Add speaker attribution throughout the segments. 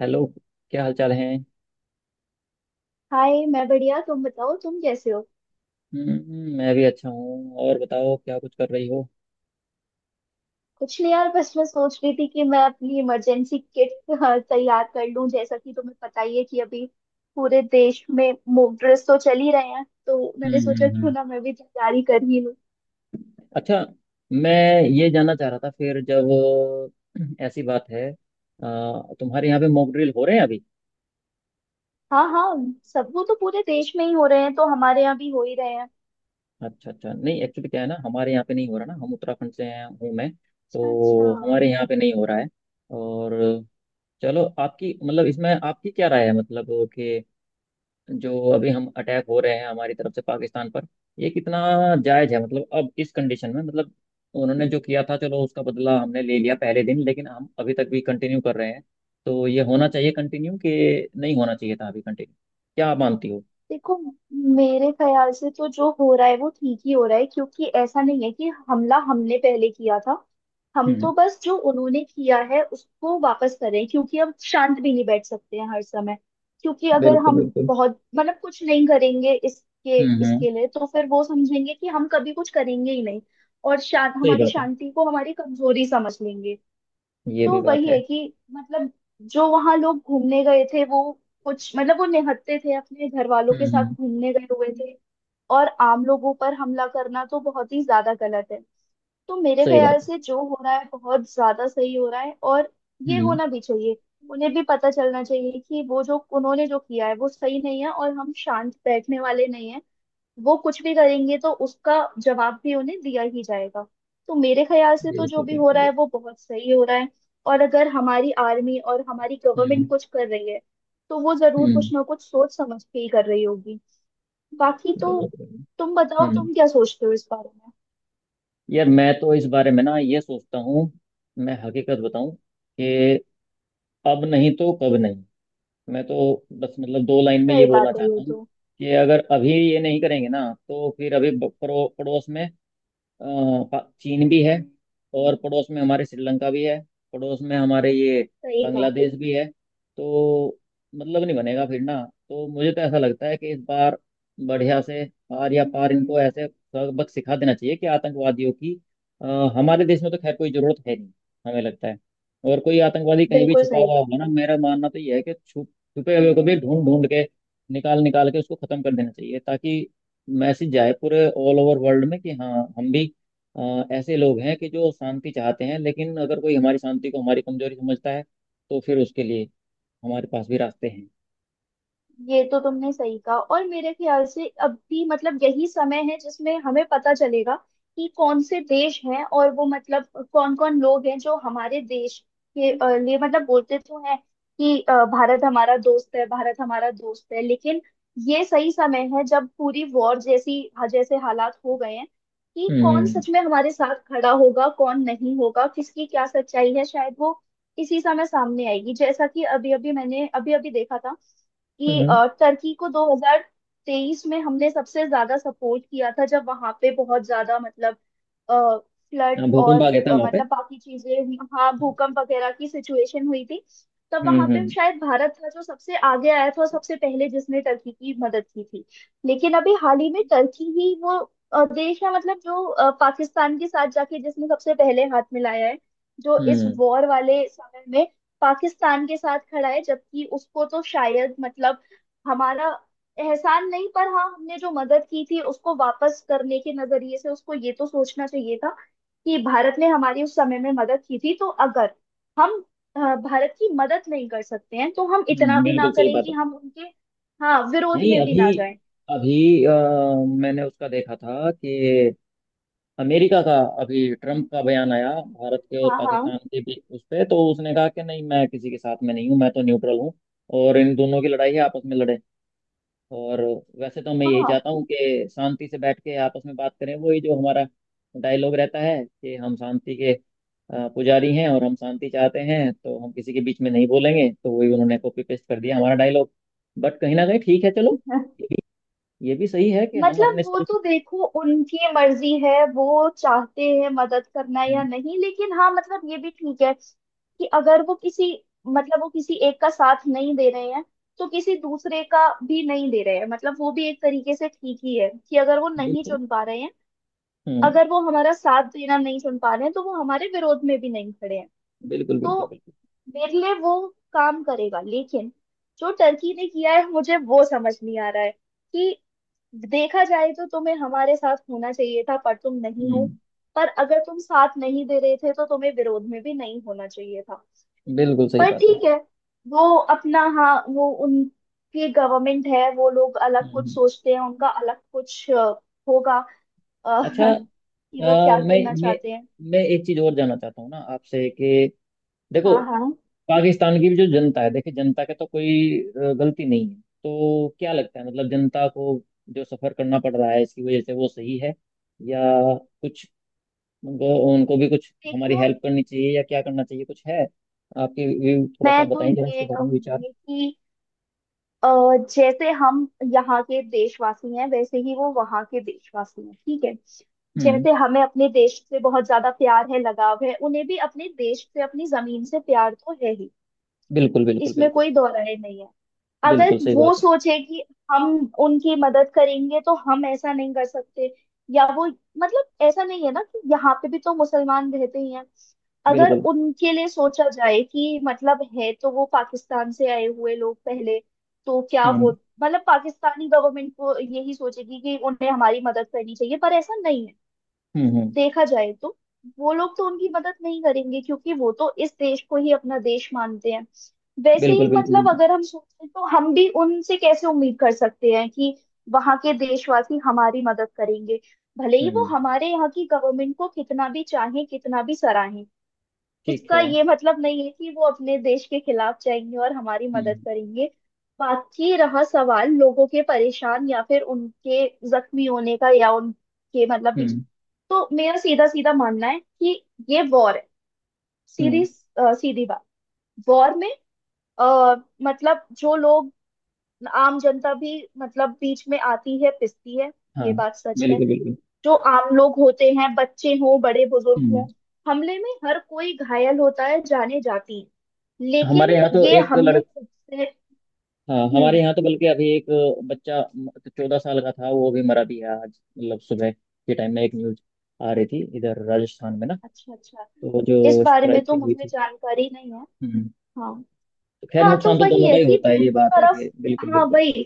Speaker 1: Hello. क्या हाल चाल है।
Speaker 2: हाय, मैं बढ़िया। तुम बताओ, तुम कैसे हो?
Speaker 1: हम्म, मैं भी अच्छा हूँ। और बताओ क्या कुछ कर रही हो।
Speaker 2: कुछ नहीं यार, बस मैं सोच रही थी कि मैं अपनी इमरजेंसी किट तैयार कर लूं। जैसा कि तुम्हें पता ही है कि अभी पूरे देश में मॉक ड्रिल्स तो चल ही रहे हैं, तो
Speaker 1: हम्म
Speaker 2: मैंने सोचा
Speaker 1: हम्म
Speaker 2: क्यों
Speaker 1: हम्म।
Speaker 2: ना मैं भी तैयारी कर ही लूं।
Speaker 1: अच्छा, मैं ये जानना चाह रहा था, फिर जब ऐसी बात है तुम्हारे यहाँ पे मॉक ड्रिल हो रहे हैं अभी।
Speaker 2: हाँ, हाँ, सब... वो तो पूरे देश में ही हो रहे हैं तो हमारे यहाँ भी हो ही रहे हैं।
Speaker 1: अच्छा अच्छा, नहीं एक्चुअली क्या है ना, हमारे यहाँ पे नहीं हो रहा ना, हम उत्तराखंड से हैं हूँ मैं,
Speaker 2: अच्छा, अच्छा।
Speaker 1: तो हमारे यहाँ पे नहीं हो रहा है। और चलो, आपकी मतलब इसमें आपकी क्या राय है, मतलब कि जो अभी हम अटैक हो रहे हैं हमारी तरफ से पाकिस्तान पर, ये कितना जायज है, मतलब अब इस कंडीशन में मतलब उन्होंने जो किया था चलो उसका बदला
Speaker 2: हम्म
Speaker 1: हमने ले लिया पहले दिन, लेकिन हम अभी तक भी कंटिन्यू कर रहे हैं। तो ये होना चाहिए कंटिन्यू कि नहीं होना चाहिए था अभी कंटिन्यू, क्या आप मानती हो।
Speaker 2: देखो, मेरे ख्याल से तो जो हो रहा है वो ठीक ही हो रहा है, क्योंकि ऐसा नहीं है कि हमला हमने पहले किया था। हम
Speaker 1: हम्म,
Speaker 2: तो बस जो उन्होंने किया है उसको वापस करें, क्योंकि हम शांत भी नहीं बैठ सकते हैं हर समय। क्योंकि अगर
Speaker 1: बिल्कुल
Speaker 2: हम
Speaker 1: बिल्कुल।
Speaker 2: बहुत, मतलब, कुछ नहीं करेंगे इसके
Speaker 1: हम्म हम्म,
Speaker 2: इसके लिए तो फिर वो समझेंगे कि हम कभी कुछ करेंगे ही नहीं। और शांत,
Speaker 1: सही
Speaker 2: हमारी
Speaker 1: बात है,
Speaker 2: शांति को हमारी कमजोरी समझ लेंगे।
Speaker 1: ये भी
Speaker 2: तो
Speaker 1: बात
Speaker 2: वही
Speaker 1: है।
Speaker 2: है कि, मतलब, जो वहां लोग घूमने गए थे वो कुछ, मतलब, वो निहत्थे थे, अपने घर वालों के साथ
Speaker 1: हम्म।
Speaker 2: घूमने गए हुए थे। और आम लोगों पर हमला करना तो बहुत ही ज्यादा गलत है। तो मेरे
Speaker 1: सही
Speaker 2: ख्याल
Speaker 1: बात है।
Speaker 2: से जो हो रहा है बहुत ज्यादा सही हो रहा है, और ये
Speaker 1: हम्म,
Speaker 2: होना भी चाहिए। उन्हें भी पता चलना चाहिए कि वो जो उन्होंने जो किया है वो सही नहीं है, और हम शांत बैठने वाले नहीं हैं। वो कुछ भी करेंगे तो उसका जवाब भी उन्हें दिया ही जाएगा। तो मेरे ख्याल से तो जो
Speaker 1: बिल्कुल
Speaker 2: भी हो
Speaker 1: बिल्कुल
Speaker 2: रहा
Speaker 1: बिल्कुल।
Speaker 2: है वो बहुत सही हो रहा है। और अगर हमारी आर्मी और हमारी गवर्नमेंट
Speaker 1: हम्म
Speaker 2: कुछ कर रही है, तो वो जरूर
Speaker 1: हम्म।
Speaker 2: कुछ ना कुछ सोच समझ के ही कर रही होगी। बाकी तो...
Speaker 1: बहुत बढ़िया।
Speaker 2: तुम बताओ,
Speaker 1: हम्म,
Speaker 2: तुम क्या सोचते हो इस बारे में?
Speaker 1: यार मैं तो इस बारे में ना ये सोचता हूँ, मैं हकीकत बताऊं कि अब नहीं तो कब नहीं। मैं तो बस मतलब दो लाइन में ये
Speaker 2: सही
Speaker 1: बोलना
Speaker 2: बात है
Speaker 1: चाहता
Speaker 2: ये
Speaker 1: हूँ
Speaker 2: तो।
Speaker 1: कि अगर अभी ये नहीं करेंगे ना, तो फिर अभी पड़ो, पड़ोस में अ, चीन भी है, और पड़ोस में हमारे श्रीलंका भी है, पड़ोस में हमारे ये
Speaker 2: सही कहा।
Speaker 1: बांग्लादेश भी है। तो मतलब नहीं बनेगा फिर ना। तो मुझे तो ऐसा लगता है कि इस बार बढ़िया से आर या पार इनको ऐसे सबक सिखा देना चाहिए कि आतंकवादियों की अ, हमारे देश में तो खैर कोई जरूरत है नहीं, हमें लगता है। और कोई आतंकवादी कहीं भी
Speaker 2: बिल्कुल
Speaker 1: छुपा
Speaker 2: सही।
Speaker 1: हुआ होगा ना, मेरा मानना तो यह है कि छुपे हुए को भी ढूंढ ढूंढ के निकाल निकाल के उसको खत्म कर देना चाहिए, ताकि मैसेज जाए पूरे ऑल ओवर वर्ल्ड में कि हाँ हम भी ऐसे लोग हैं कि जो शांति चाहते हैं, लेकिन अगर कोई हमारी शांति को हमारी कमजोरी समझता है तो फिर उसके लिए हमारे पास भी रास्ते हैं।
Speaker 2: ये तो तुमने सही कहा, और मेरे ख्याल से अब भी, मतलब, यही समय है जिसमें हमें पता चलेगा कि कौन से देश हैं, और वो, मतलब, कौन कौन लोग हैं जो हमारे देश के लिए, मतलब, बोलते तो हैं कि, भारत हमारा दोस्त है, भारत हमारा दोस्त है, लेकिन ये सही समय है जब पूरी वॉर जैसी, हाँ, जैसे हालात हो गए हैं कि कौन
Speaker 1: हम्म
Speaker 2: सच में हमारे साथ खड़ा होगा, कौन नहीं होगा, किसकी क्या सच्चाई है शायद वो इसी समय सामने आएगी। जैसा कि अभी अभी मैंने अभी अभी देखा था कि
Speaker 1: हम्म।
Speaker 2: टर्की को 2023 में हमने सबसे ज्यादा सपोर्ट किया था, जब वहां पे बहुत ज्यादा, मतलब, फ्लड
Speaker 1: हाँ, भूकंप
Speaker 2: और
Speaker 1: आ गया था वहां पे।
Speaker 2: मतलब बाकी चीजें हुई, हाँ, भूकंप वगैरह की सिचुएशन हुई थी। तब
Speaker 1: हम्म
Speaker 2: वहां पे
Speaker 1: हम्म
Speaker 2: शायद भारत था जो सबसे आगे आया था और सबसे पहले जिसने टर्की की मदद की थी। लेकिन अभी हाल ही में टर्की ही वो देश है, मतलब जो पाकिस्तान के साथ जाके जिसने सबसे पहले हाथ मिलाया है। जो इस
Speaker 1: हम्म।
Speaker 2: वॉर वाले समय पाकिस्तान के साथ खड़ा है, जबकि उसको तो शायद, मतलब, हमारा एहसान नहीं, पर हाँ, हमने जो मदद की थी उसको वापस करने के नजरिए से उसको ये तो सोचना चाहिए था कि भारत ने हमारी उस समय में मदद की थी, तो अगर हम भारत की मदद नहीं कर सकते हैं तो हम इतना भी ना
Speaker 1: बिल्कुल सही
Speaker 2: करें
Speaker 1: बात
Speaker 2: कि
Speaker 1: है।
Speaker 2: हम उनके, हाँ, विरोध
Speaker 1: नहीं
Speaker 2: में भी
Speaker 1: अभी,
Speaker 2: ना जाएं।
Speaker 1: अभी मैंने उसका देखा था कि अमेरिका का अभी ट्रम्प का बयान आया भारत के और
Speaker 2: हाँ, हाँ,
Speaker 1: पाकिस्तान के बीच, उस पे तो उसने कहा कि नहीं मैं किसी के साथ में नहीं हूँ, मैं तो न्यूट्रल हूँ, और इन दोनों की लड़ाई है आपस में लड़े। और वैसे तो मैं यही
Speaker 2: हाँ।
Speaker 1: चाहता हूँ कि शांति से बैठ के आपस में बात करें, वही जो हमारा डायलॉग रहता है कि हम शांति के पुजारी हैं और हम शांति चाहते हैं, तो हम किसी के बीच में नहीं बोलेंगे, तो वही उन्होंने कॉपी पेस्ट कर दिया हमारा डायलॉग। बट कहीं ना कहीं ठीक है चलो, ये भी, ये भी सही है कि हम
Speaker 2: मतलब
Speaker 1: अपने
Speaker 2: वो
Speaker 1: सेल्फ।
Speaker 2: तो देखो, उनकी मर्जी है, वो चाहते हैं मदद करना या
Speaker 1: हम्म,
Speaker 2: नहीं, लेकिन हाँ, मतलब ये भी ठीक है कि अगर वो किसी, मतलब वो किसी एक का साथ नहीं दे रहे हैं तो किसी दूसरे का भी नहीं दे रहे हैं, मतलब वो भी एक तरीके से ठीक ही है कि अगर वो नहीं
Speaker 1: बिल्कुल।
Speaker 2: चुन पा रहे हैं,
Speaker 1: हम्म,
Speaker 2: अगर वो हमारा साथ देना नहीं चुन पा रहे हैं तो वो हमारे विरोध में भी नहीं खड़े हैं।
Speaker 1: बिल्कुल
Speaker 2: तो
Speaker 1: बिल्कुल बिल्कुल।
Speaker 2: मेरे लिए वो काम करेगा, लेकिन जो टर्की ने किया है मुझे वो समझ नहीं आ रहा है। देखा जाए तो तुम्हें हमारे साथ होना चाहिए था पर तुम नहीं हो।
Speaker 1: हम्म,
Speaker 2: पर अगर तुम साथ नहीं दे रहे थे तो तुम्हें विरोध में भी नहीं होना चाहिए था।
Speaker 1: बिल्कुल सही
Speaker 2: पर
Speaker 1: बात है।
Speaker 2: ठीक है, वो अपना, हाँ, वो उनकी गवर्नमेंट है, वो लोग
Speaker 1: हम्म
Speaker 2: अलग कुछ
Speaker 1: हम्म।
Speaker 2: सोचते हैं, उनका अलग कुछ होगा, अ,
Speaker 1: अच्छा,
Speaker 2: कि वो क्या
Speaker 1: मैं
Speaker 2: करना
Speaker 1: मैं
Speaker 2: चाहते हैं।
Speaker 1: मैं एक चीज और जानना चाहता हूँ ना आपसे कि देखो,
Speaker 2: हाँ, हाँ।
Speaker 1: पाकिस्तान की भी जो जनता है, देखिए जनता के तो कोई गलती नहीं है। तो क्या लगता है, मतलब जनता को जो सफर करना पड़ रहा है इसकी वजह से, वो सही है या कुछ उनको, उनको भी कुछ हमारी
Speaker 2: देखो,
Speaker 1: हेल्प करनी चाहिए या क्या करना चाहिए, कुछ है आपके व्यू थोड़ा सा
Speaker 2: मैं तो
Speaker 1: बताइए जरा इसके
Speaker 2: ये
Speaker 1: बारे में विचार।
Speaker 2: कहूंगी कि अ, जैसे हम यहाँ के देशवासी हैं वैसे ही वो वहाँ के देशवासी हैं, ठीक है।
Speaker 1: हम्म,
Speaker 2: जैसे हमें अपने देश से बहुत ज्यादा प्यार है, लगाव है, उन्हें भी अपने देश से अपनी जमीन से प्यार तो है ही।
Speaker 1: बिल्कुल बिल्कुल
Speaker 2: इसमें
Speaker 1: बिल्कुल।
Speaker 2: कोई दो राय नहीं है। अगर
Speaker 1: बिल्कुल सही
Speaker 2: वो
Speaker 1: बात है।
Speaker 2: सोचे कि हम उनकी मदद करेंगे तो हम ऐसा नहीं कर सकते, या वो, मतलब, ऐसा नहीं है ना कि यहाँ पे भी तो मुसलमान रहते ही हैं। अगर
Speaker 1: बिल्कुल।
Speaker 2: उनके लिए सोचा जाए कि, मतलब, है तो वो पाकिस्तान से आए हुए लोग पहले, तो क्या वो,
Speaker 1: हम्म
Speaker 2: मतलब, पाकिस्तानी गवर्नमेंट को यही सोचेगी कि उन्हें हमारी मदद करनी चाहिए, पर ऐसा नहीं है।
Speaker 1: हम्म।
Speaker 2: देखा जाए तो वो लोग तो उनकी मदद नहीं करेंगे, क्योंकि वो तो इस देश को ही अपना देश मानते हैं। वैसे
Speaker 1: बिल्कुल
Speaker 2: ही,
Speaker 1: बिल्कुल
Speaker 2: मतलब,
Speaker 1: बिल्कुल।
Speaker 2: अगर हम सोचें तो हम भी उनसे कैसे उम्मीद कर सकते हैं कि वहां के देशवासी हमारी मदद करेंगे। भले ही वो
Speaker 1: हम्म,
Speaker 2: हमारे यहाँ की गवर्नमेंट को कितना भी चाहें, कितना भी सराहें,
Speaker 1: ठीक
Speaker 2: इसका
Speaker 1: है।
Speaker 2: ये मतलब नहीं है कि वो अपने देश के खिलाफ जाएंगे और हमारी मदद
Speaker 1: हम्म
Speaker 2: करेंगे। बाकी रहा सवाल लोगों के परेशान या फिर उनके जख्मी होने का, या उनके, मतलब, बीच...
Speaker 1: हम्म
Speaker 2: तो मेरा सीधा सीधा मानना है कि ये वॉर है। सीधी
Speaker 1: हम्म।
Speaker 2: सीधी बात। वॉर में, आ, मतलब जो लोग, आम जनता भी, मतलब, बीच में आती है, पिसती है।
Speaker 1: हाँ,
Speaker 2: ये बात सच है।
Speaker 1: बिल्कुल बिल्कुल।
Speaker 2: जो आम लोग होते हैं, बच्चे हों, बड़े बुजुर्ग
Speaker 1: हम्म,
Speaker 2: हों, हमले में हर कोई घायल होता है, जाने जाती।
Speaker 1: हमारे
Speaker 2: लेकिन
Speaker 1: यहाँ तो
Speaker 2: ये
Speaker 1: एक लड़
Speaker 2: हमने खुद से...
Speaker 1: हाँ, हमारे
Speaker 2: हम्म।
Speaker 1: यहाँ तो बल्कि अभी एक बच्चा 14 साल का था, वो भी मरा भी है आज। मतलब सुबह के टाइम में एक न्यूज आ रही थी इधर राजस्थान में ना,
Speaker 2: अच्छा, अच्छा।
Speaker 1: तो
Speaker 2: इस
Speaker 1: जो
Speaker 2: बारे में तो
Speaker 1: स्ट्राइकिंग हुई
Speaker 2: मुझे
Speaker 1: थी।
Speaker 2: जानकारी नहीं है।
Speaker 1: हम्म,
Speaker 2: हाँ,
Speaker 1: तो खैर
Speaker 2: हाँ। तो
Speaker 1: नुकसान तो
Speaker 2: वही
Speaker 1: दोनों का
Speaker 2: है
Speaker 1: ही
Speaker 2: कि
Speaker 1: होता है,
Speaker 2: दोनों
Speaker 1: ये बात है
Speaker 2: तरफ,
Speaker 1: कि बिल्कुल
Speaker 2: हाँ
Speaker 1: बिल्कुल,
Speaker 2: वही,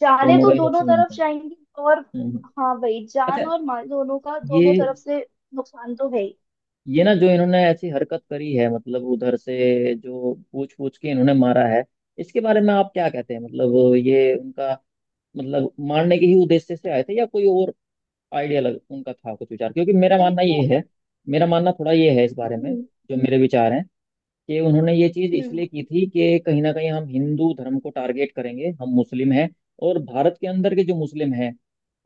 Speaker 2: जाने
Speaker 1: दोनों
Speaker 2: तो
Speaker 1: का ही
Speaker 2: दोनों
Speaker 1: नुकसान
Speaker 2: तरफ
Speaker 1: होता है।
Speaker 2: जाएंगी। और
Speaker 1: हम्म हम्म।
Speaker 2: हाँ वही,
Speaker 1: अच्छा,
Speaker 2: जान और माल दोनों का दोनों
Speaker 1: ये
Speaker 2: तरफ से नुकसान तो है ही।
Speaker 1: ये ना जो इन्होंने ऐसी हरकत करी है, मतलब उधर से जो पूछ पूछ के इन्होंने मारा है, इसके बारे में आप क्या कहते हैं, मतलब ये उनका मतलब मारने के ही उद्देश्य से आए थे या कोई और आइडिया लग उनका था कुछ विचार, क्योंकि मेरा मानना ये
Speaker 2: देखो,
Speaker 1: है, मेरा मानना थोड़ा ये है इस बारे में,
Speaker 2: हम्म,
Speaker 1: जो मेरे विचार हैं कि उन्होंने ये चीज़
Speaker 2: हम्म,
Speaker 1: इसलिए की थी कि कहीं ना कहीं हम हिंदू धर्म को टारगेट करेंगे, हम मुस्लिम हैं, और भारत के अंदर के जो मुस्लिम हैं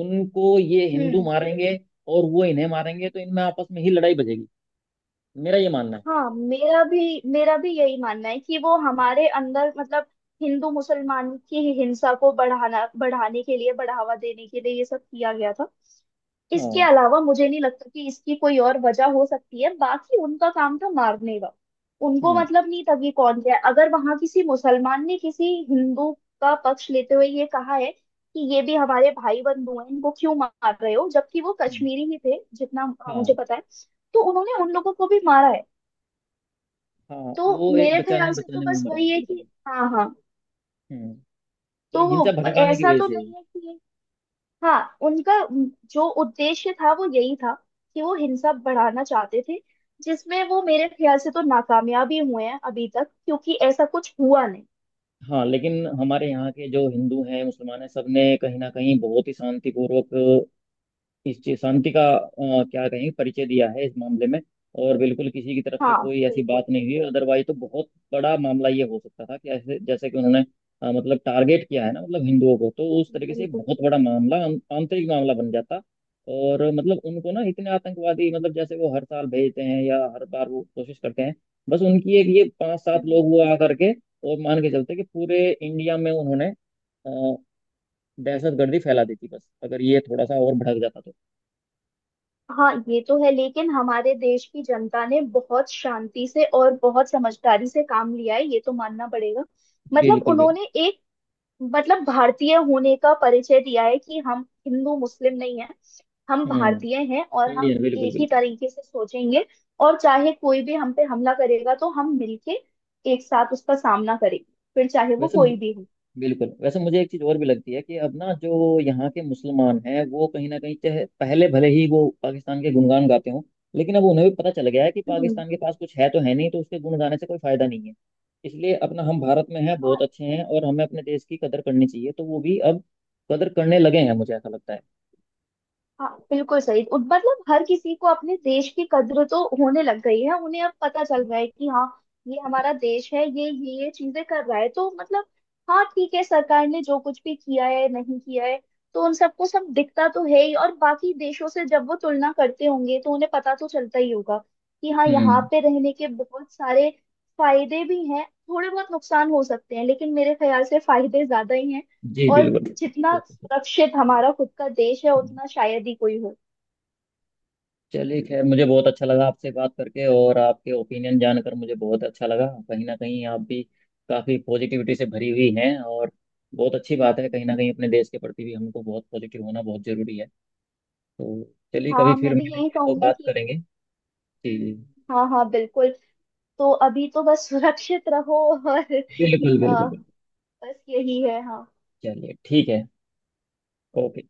Speaker 1: उनको ये हिंदू
Speaker 2: हम्म,
Speaker 1: मारेंगे, और वो इन्हें मारेंगे, तो इनमें आपस में ही लड़ाई बजेगी। मेरा ये मानना है।
Speaker 2: हाँ, मेरा भी यही मानना है कि वो हमारे अंदर, मतलब, हिंदू मुसलमान की हिंसा को बढ़ाना, बढ़ाने के लिए, बढ़ावा देने के लिए ये सब किया गया था। इसके
Speaker 1: हाँ।
Speaker 2: अलावा मुझे नहीं लगता कि इसकी कोई और वजह हो सकती है, बाकी उनका काम था मारने का। उनको
Speaker 1: हम्म
Speaker 2: मतलब नहीं था कि कौन क्या है। अगर वहां किसी मुसलमान ने किसी हिंदू का पक्ष लेते हुए ये कहा है कि ये भी हमारे भाई बंधु हैं, इनको क्यों मार रहे हो, जबकि वो
Speaker 1: हम्म,
Speaker 2: कश्मीरी ही थे, जितना मुझे
Speaker 1: हाँ
Speaker 2: पता है, तो उन्होंने उन लोगों को भी मारा है।
Speaker 1: हाँ,
Speaker 2: तो
Speaker 1: वो एक
Speaker 2: मेरे
Speaker 1: बचाने
Speaker 2: ख्याल से तो
Speaker 1: बचाने में
Speaker 2: बस
Speaker 1: मरा है,
Speaker 2: वही है
Speaker 1: बिल्कुल
Speaker 2: कि,
Speaker 1: बिल्कुल।
Speaker 2: हाँ, हाँ।
Speaker 1: हम्म, तो
Speaker 2: तो
Speaker 1: हिंसा
Speaker 2: वो
Speaker 1: भड़काने की
Speaker 2: ऐसा
Speaker 1: वजह
Speaker 2: तो
Speaker 1: से।
Speaker 2: नहीं है कि... हाँ, उनका जो उद्देश्य था वो यही था कि वो हिंसा बढ़ाना चाहते थे, जिसमें वो मेरे ख्याल से तो नाकामयाब ही हुए हैं अभी तक, क्योंकि ऐसा कुछ हुआ नहीं।
Speaker 1: हाँ, लेकिन हमारे यहाँ के जो हिंदू हैं मुसलमान हैं सबने कहीं ना कहीं बहुत ही शांतिपूर्वक इस चीज शांति का क्या कहेंगे परिचय दिया है इस मामले में, और बिल्कुल किसी की तरफ से
Speaker 2: हाँ,
Speaker 1: कोई ऐसी बात
Speaker 2: बिल्कुल,
Speaker 1: नहीं हुई। अदरवाइज तो बहुत बड़ा मामला ये हो सकता था कि ऐसे जैसे कि उन्होंने मतलब टारगेट किया है ना, मतलब हिंदुओं को, तो उस तरीके से
Speaker 2: बिल्कुल,
Speaker 1: बहुत बड़ा
Speaker 2: बिल्कुल।
Speaker 1: मामला आंतरिक मामला बन जाता। और मतलब उनको ना इतने आतंकवादी मतलब जैसे वो हर साल भेजते हैं या हर बार वो कोशिश करते हैं, बस उनकी एक ये पांच सात
Speaker 2: हम्म।
Speaker 1: लोग हुआ आ करके और मान के चलते कि पूरे इंडिया में उन्होंने अ, दहशत गर्दी फैला दी थी, बस अगर ये थोड़ा सा और भड़क जाता तो।
Speaker 2: हाँ, ये तो है, लेकिन हमारे देश की जनता ने बहुत शांति से और बहुत समझदारी से काम लिया है, ये तो मानना पड़ेगा। मतलब
Speaker 1: बिल्कुल बिल्कुल।
Speaker 2: उन्होंने एक, मतलब, भारतीय होने का परिचय दिया है कि हम हिंदू मुस्लिम नहीं है, हम
Speaker 1: हम्म,
Speaker 2: भारतीय हैं और हम
Speaker 1: इंडियन, बिल्कुल
Speaker 2: एक ही
Speaker 1: बिल्कुल।
Speaker 2: तरीके से सोचेंगे। और चाहे कोई भी हम पे हमला करेगा तो हम मिलके एक साथ उसका सामना करेंगे, फिर चाहे वो
Speaker 1: वैसे मु-
Speaker 2: कोई भी हो।
Speaker 1: बिल्कुल, वैसे मुझे एक चीज और भी लगती है कि अब ना जो यहाँ के मुसलमान हैं वो कहीं ना कहीं, चाहे पहले भले ही वो पाकिस्तान के गुणगान गाते हों, लेकिन अब उन्हें भी पता चल गया है कि
Speaker 2: हम्म।
Speaker 1: पाकिस्तान के पास कुछ है तो है नहीं, तो उसके गुण गाने से कोई फायदा नहीं है। इसलिए अपना हम भारत में हैं, बहुत अच्छे हैं, और हमें अपने देश की कदर करनी चाहिए, तो वो भी अब कदर करने लगे हैं, मुझे ऐसा लगता है।
Speaker 2: हाँ, बिल्कुल सही। मतलब हर किसी को अपने देश की कद्र तो होने लग गई है, उन्हें अब पता चल रहा है कि हाँ, ये हमारा देश है, ये चीजें कर रहा है, तो मतलब, हाँ ठीक है, सरकार ने जो कुछ भी किया है नहीं किया है, तो उन सबको सब दिखता तो है ही, और बाकी देशों से जब वो तुलना करते होंगे तो उन्हें पता तो चलता ही होगा कि हाँ, यहाँ
Speaker 1: हम्म।
Speaker 2: पे रहने के बहुत सारे फायदे भी हैं। थोड़े बहुत नुकसान हो सकते हैं, लेकिन मेरे ख्याल से फायदे ज्यादा ही हैं।
Speaker 1: जी
Speaker 2: और
Speaker 1: बिल्कुल बिल्कुल
Speaker 2: जितना
Speaker 1: बिल्कुल।
Speaker 2: सुरक्षित हमारा खुद का देश है, उतना शायद ही कोई हो।
Speaker 1: चलिए, खैर मुझे बहुत अच्छा लगा आपसे बात करके, और आपके ओपिनियन जानकर मुझे बहुत अच्छा लगा। कहीं ना कहीं आप भी काफ़ी पॉजिटिविटी से भरी हुई हैं, और बहुत अच्छी बात है कहीं ना कहीं अपने देश के प्रति भी हमको बहुत पॉजिटिव होना बहुत ज़रूरी है। तो चलिए, कभी
Speaker 2: हाँ,
Speaker 1: फिर
Speaker 2: मैं भी यही
Speaker 1: मिलेंगे तो
Speaker 2: कहूंगी
Speaker 1: बात
Speaker 2: कि...
Speaker 1: करेंगे। जी,
Speaker 2: हाँ, हाँ, बिल्कुल। तो अभी तो बस सुरक्षित रहो, और
Speaker 1: बिल्कुल
Speaker 2: अ,
Speaker 1: बिल्कुल बिल्कुल।
Speaker 2: बस यही है, हाँ।
Speaker 1: चलिए ठीक है, ओके।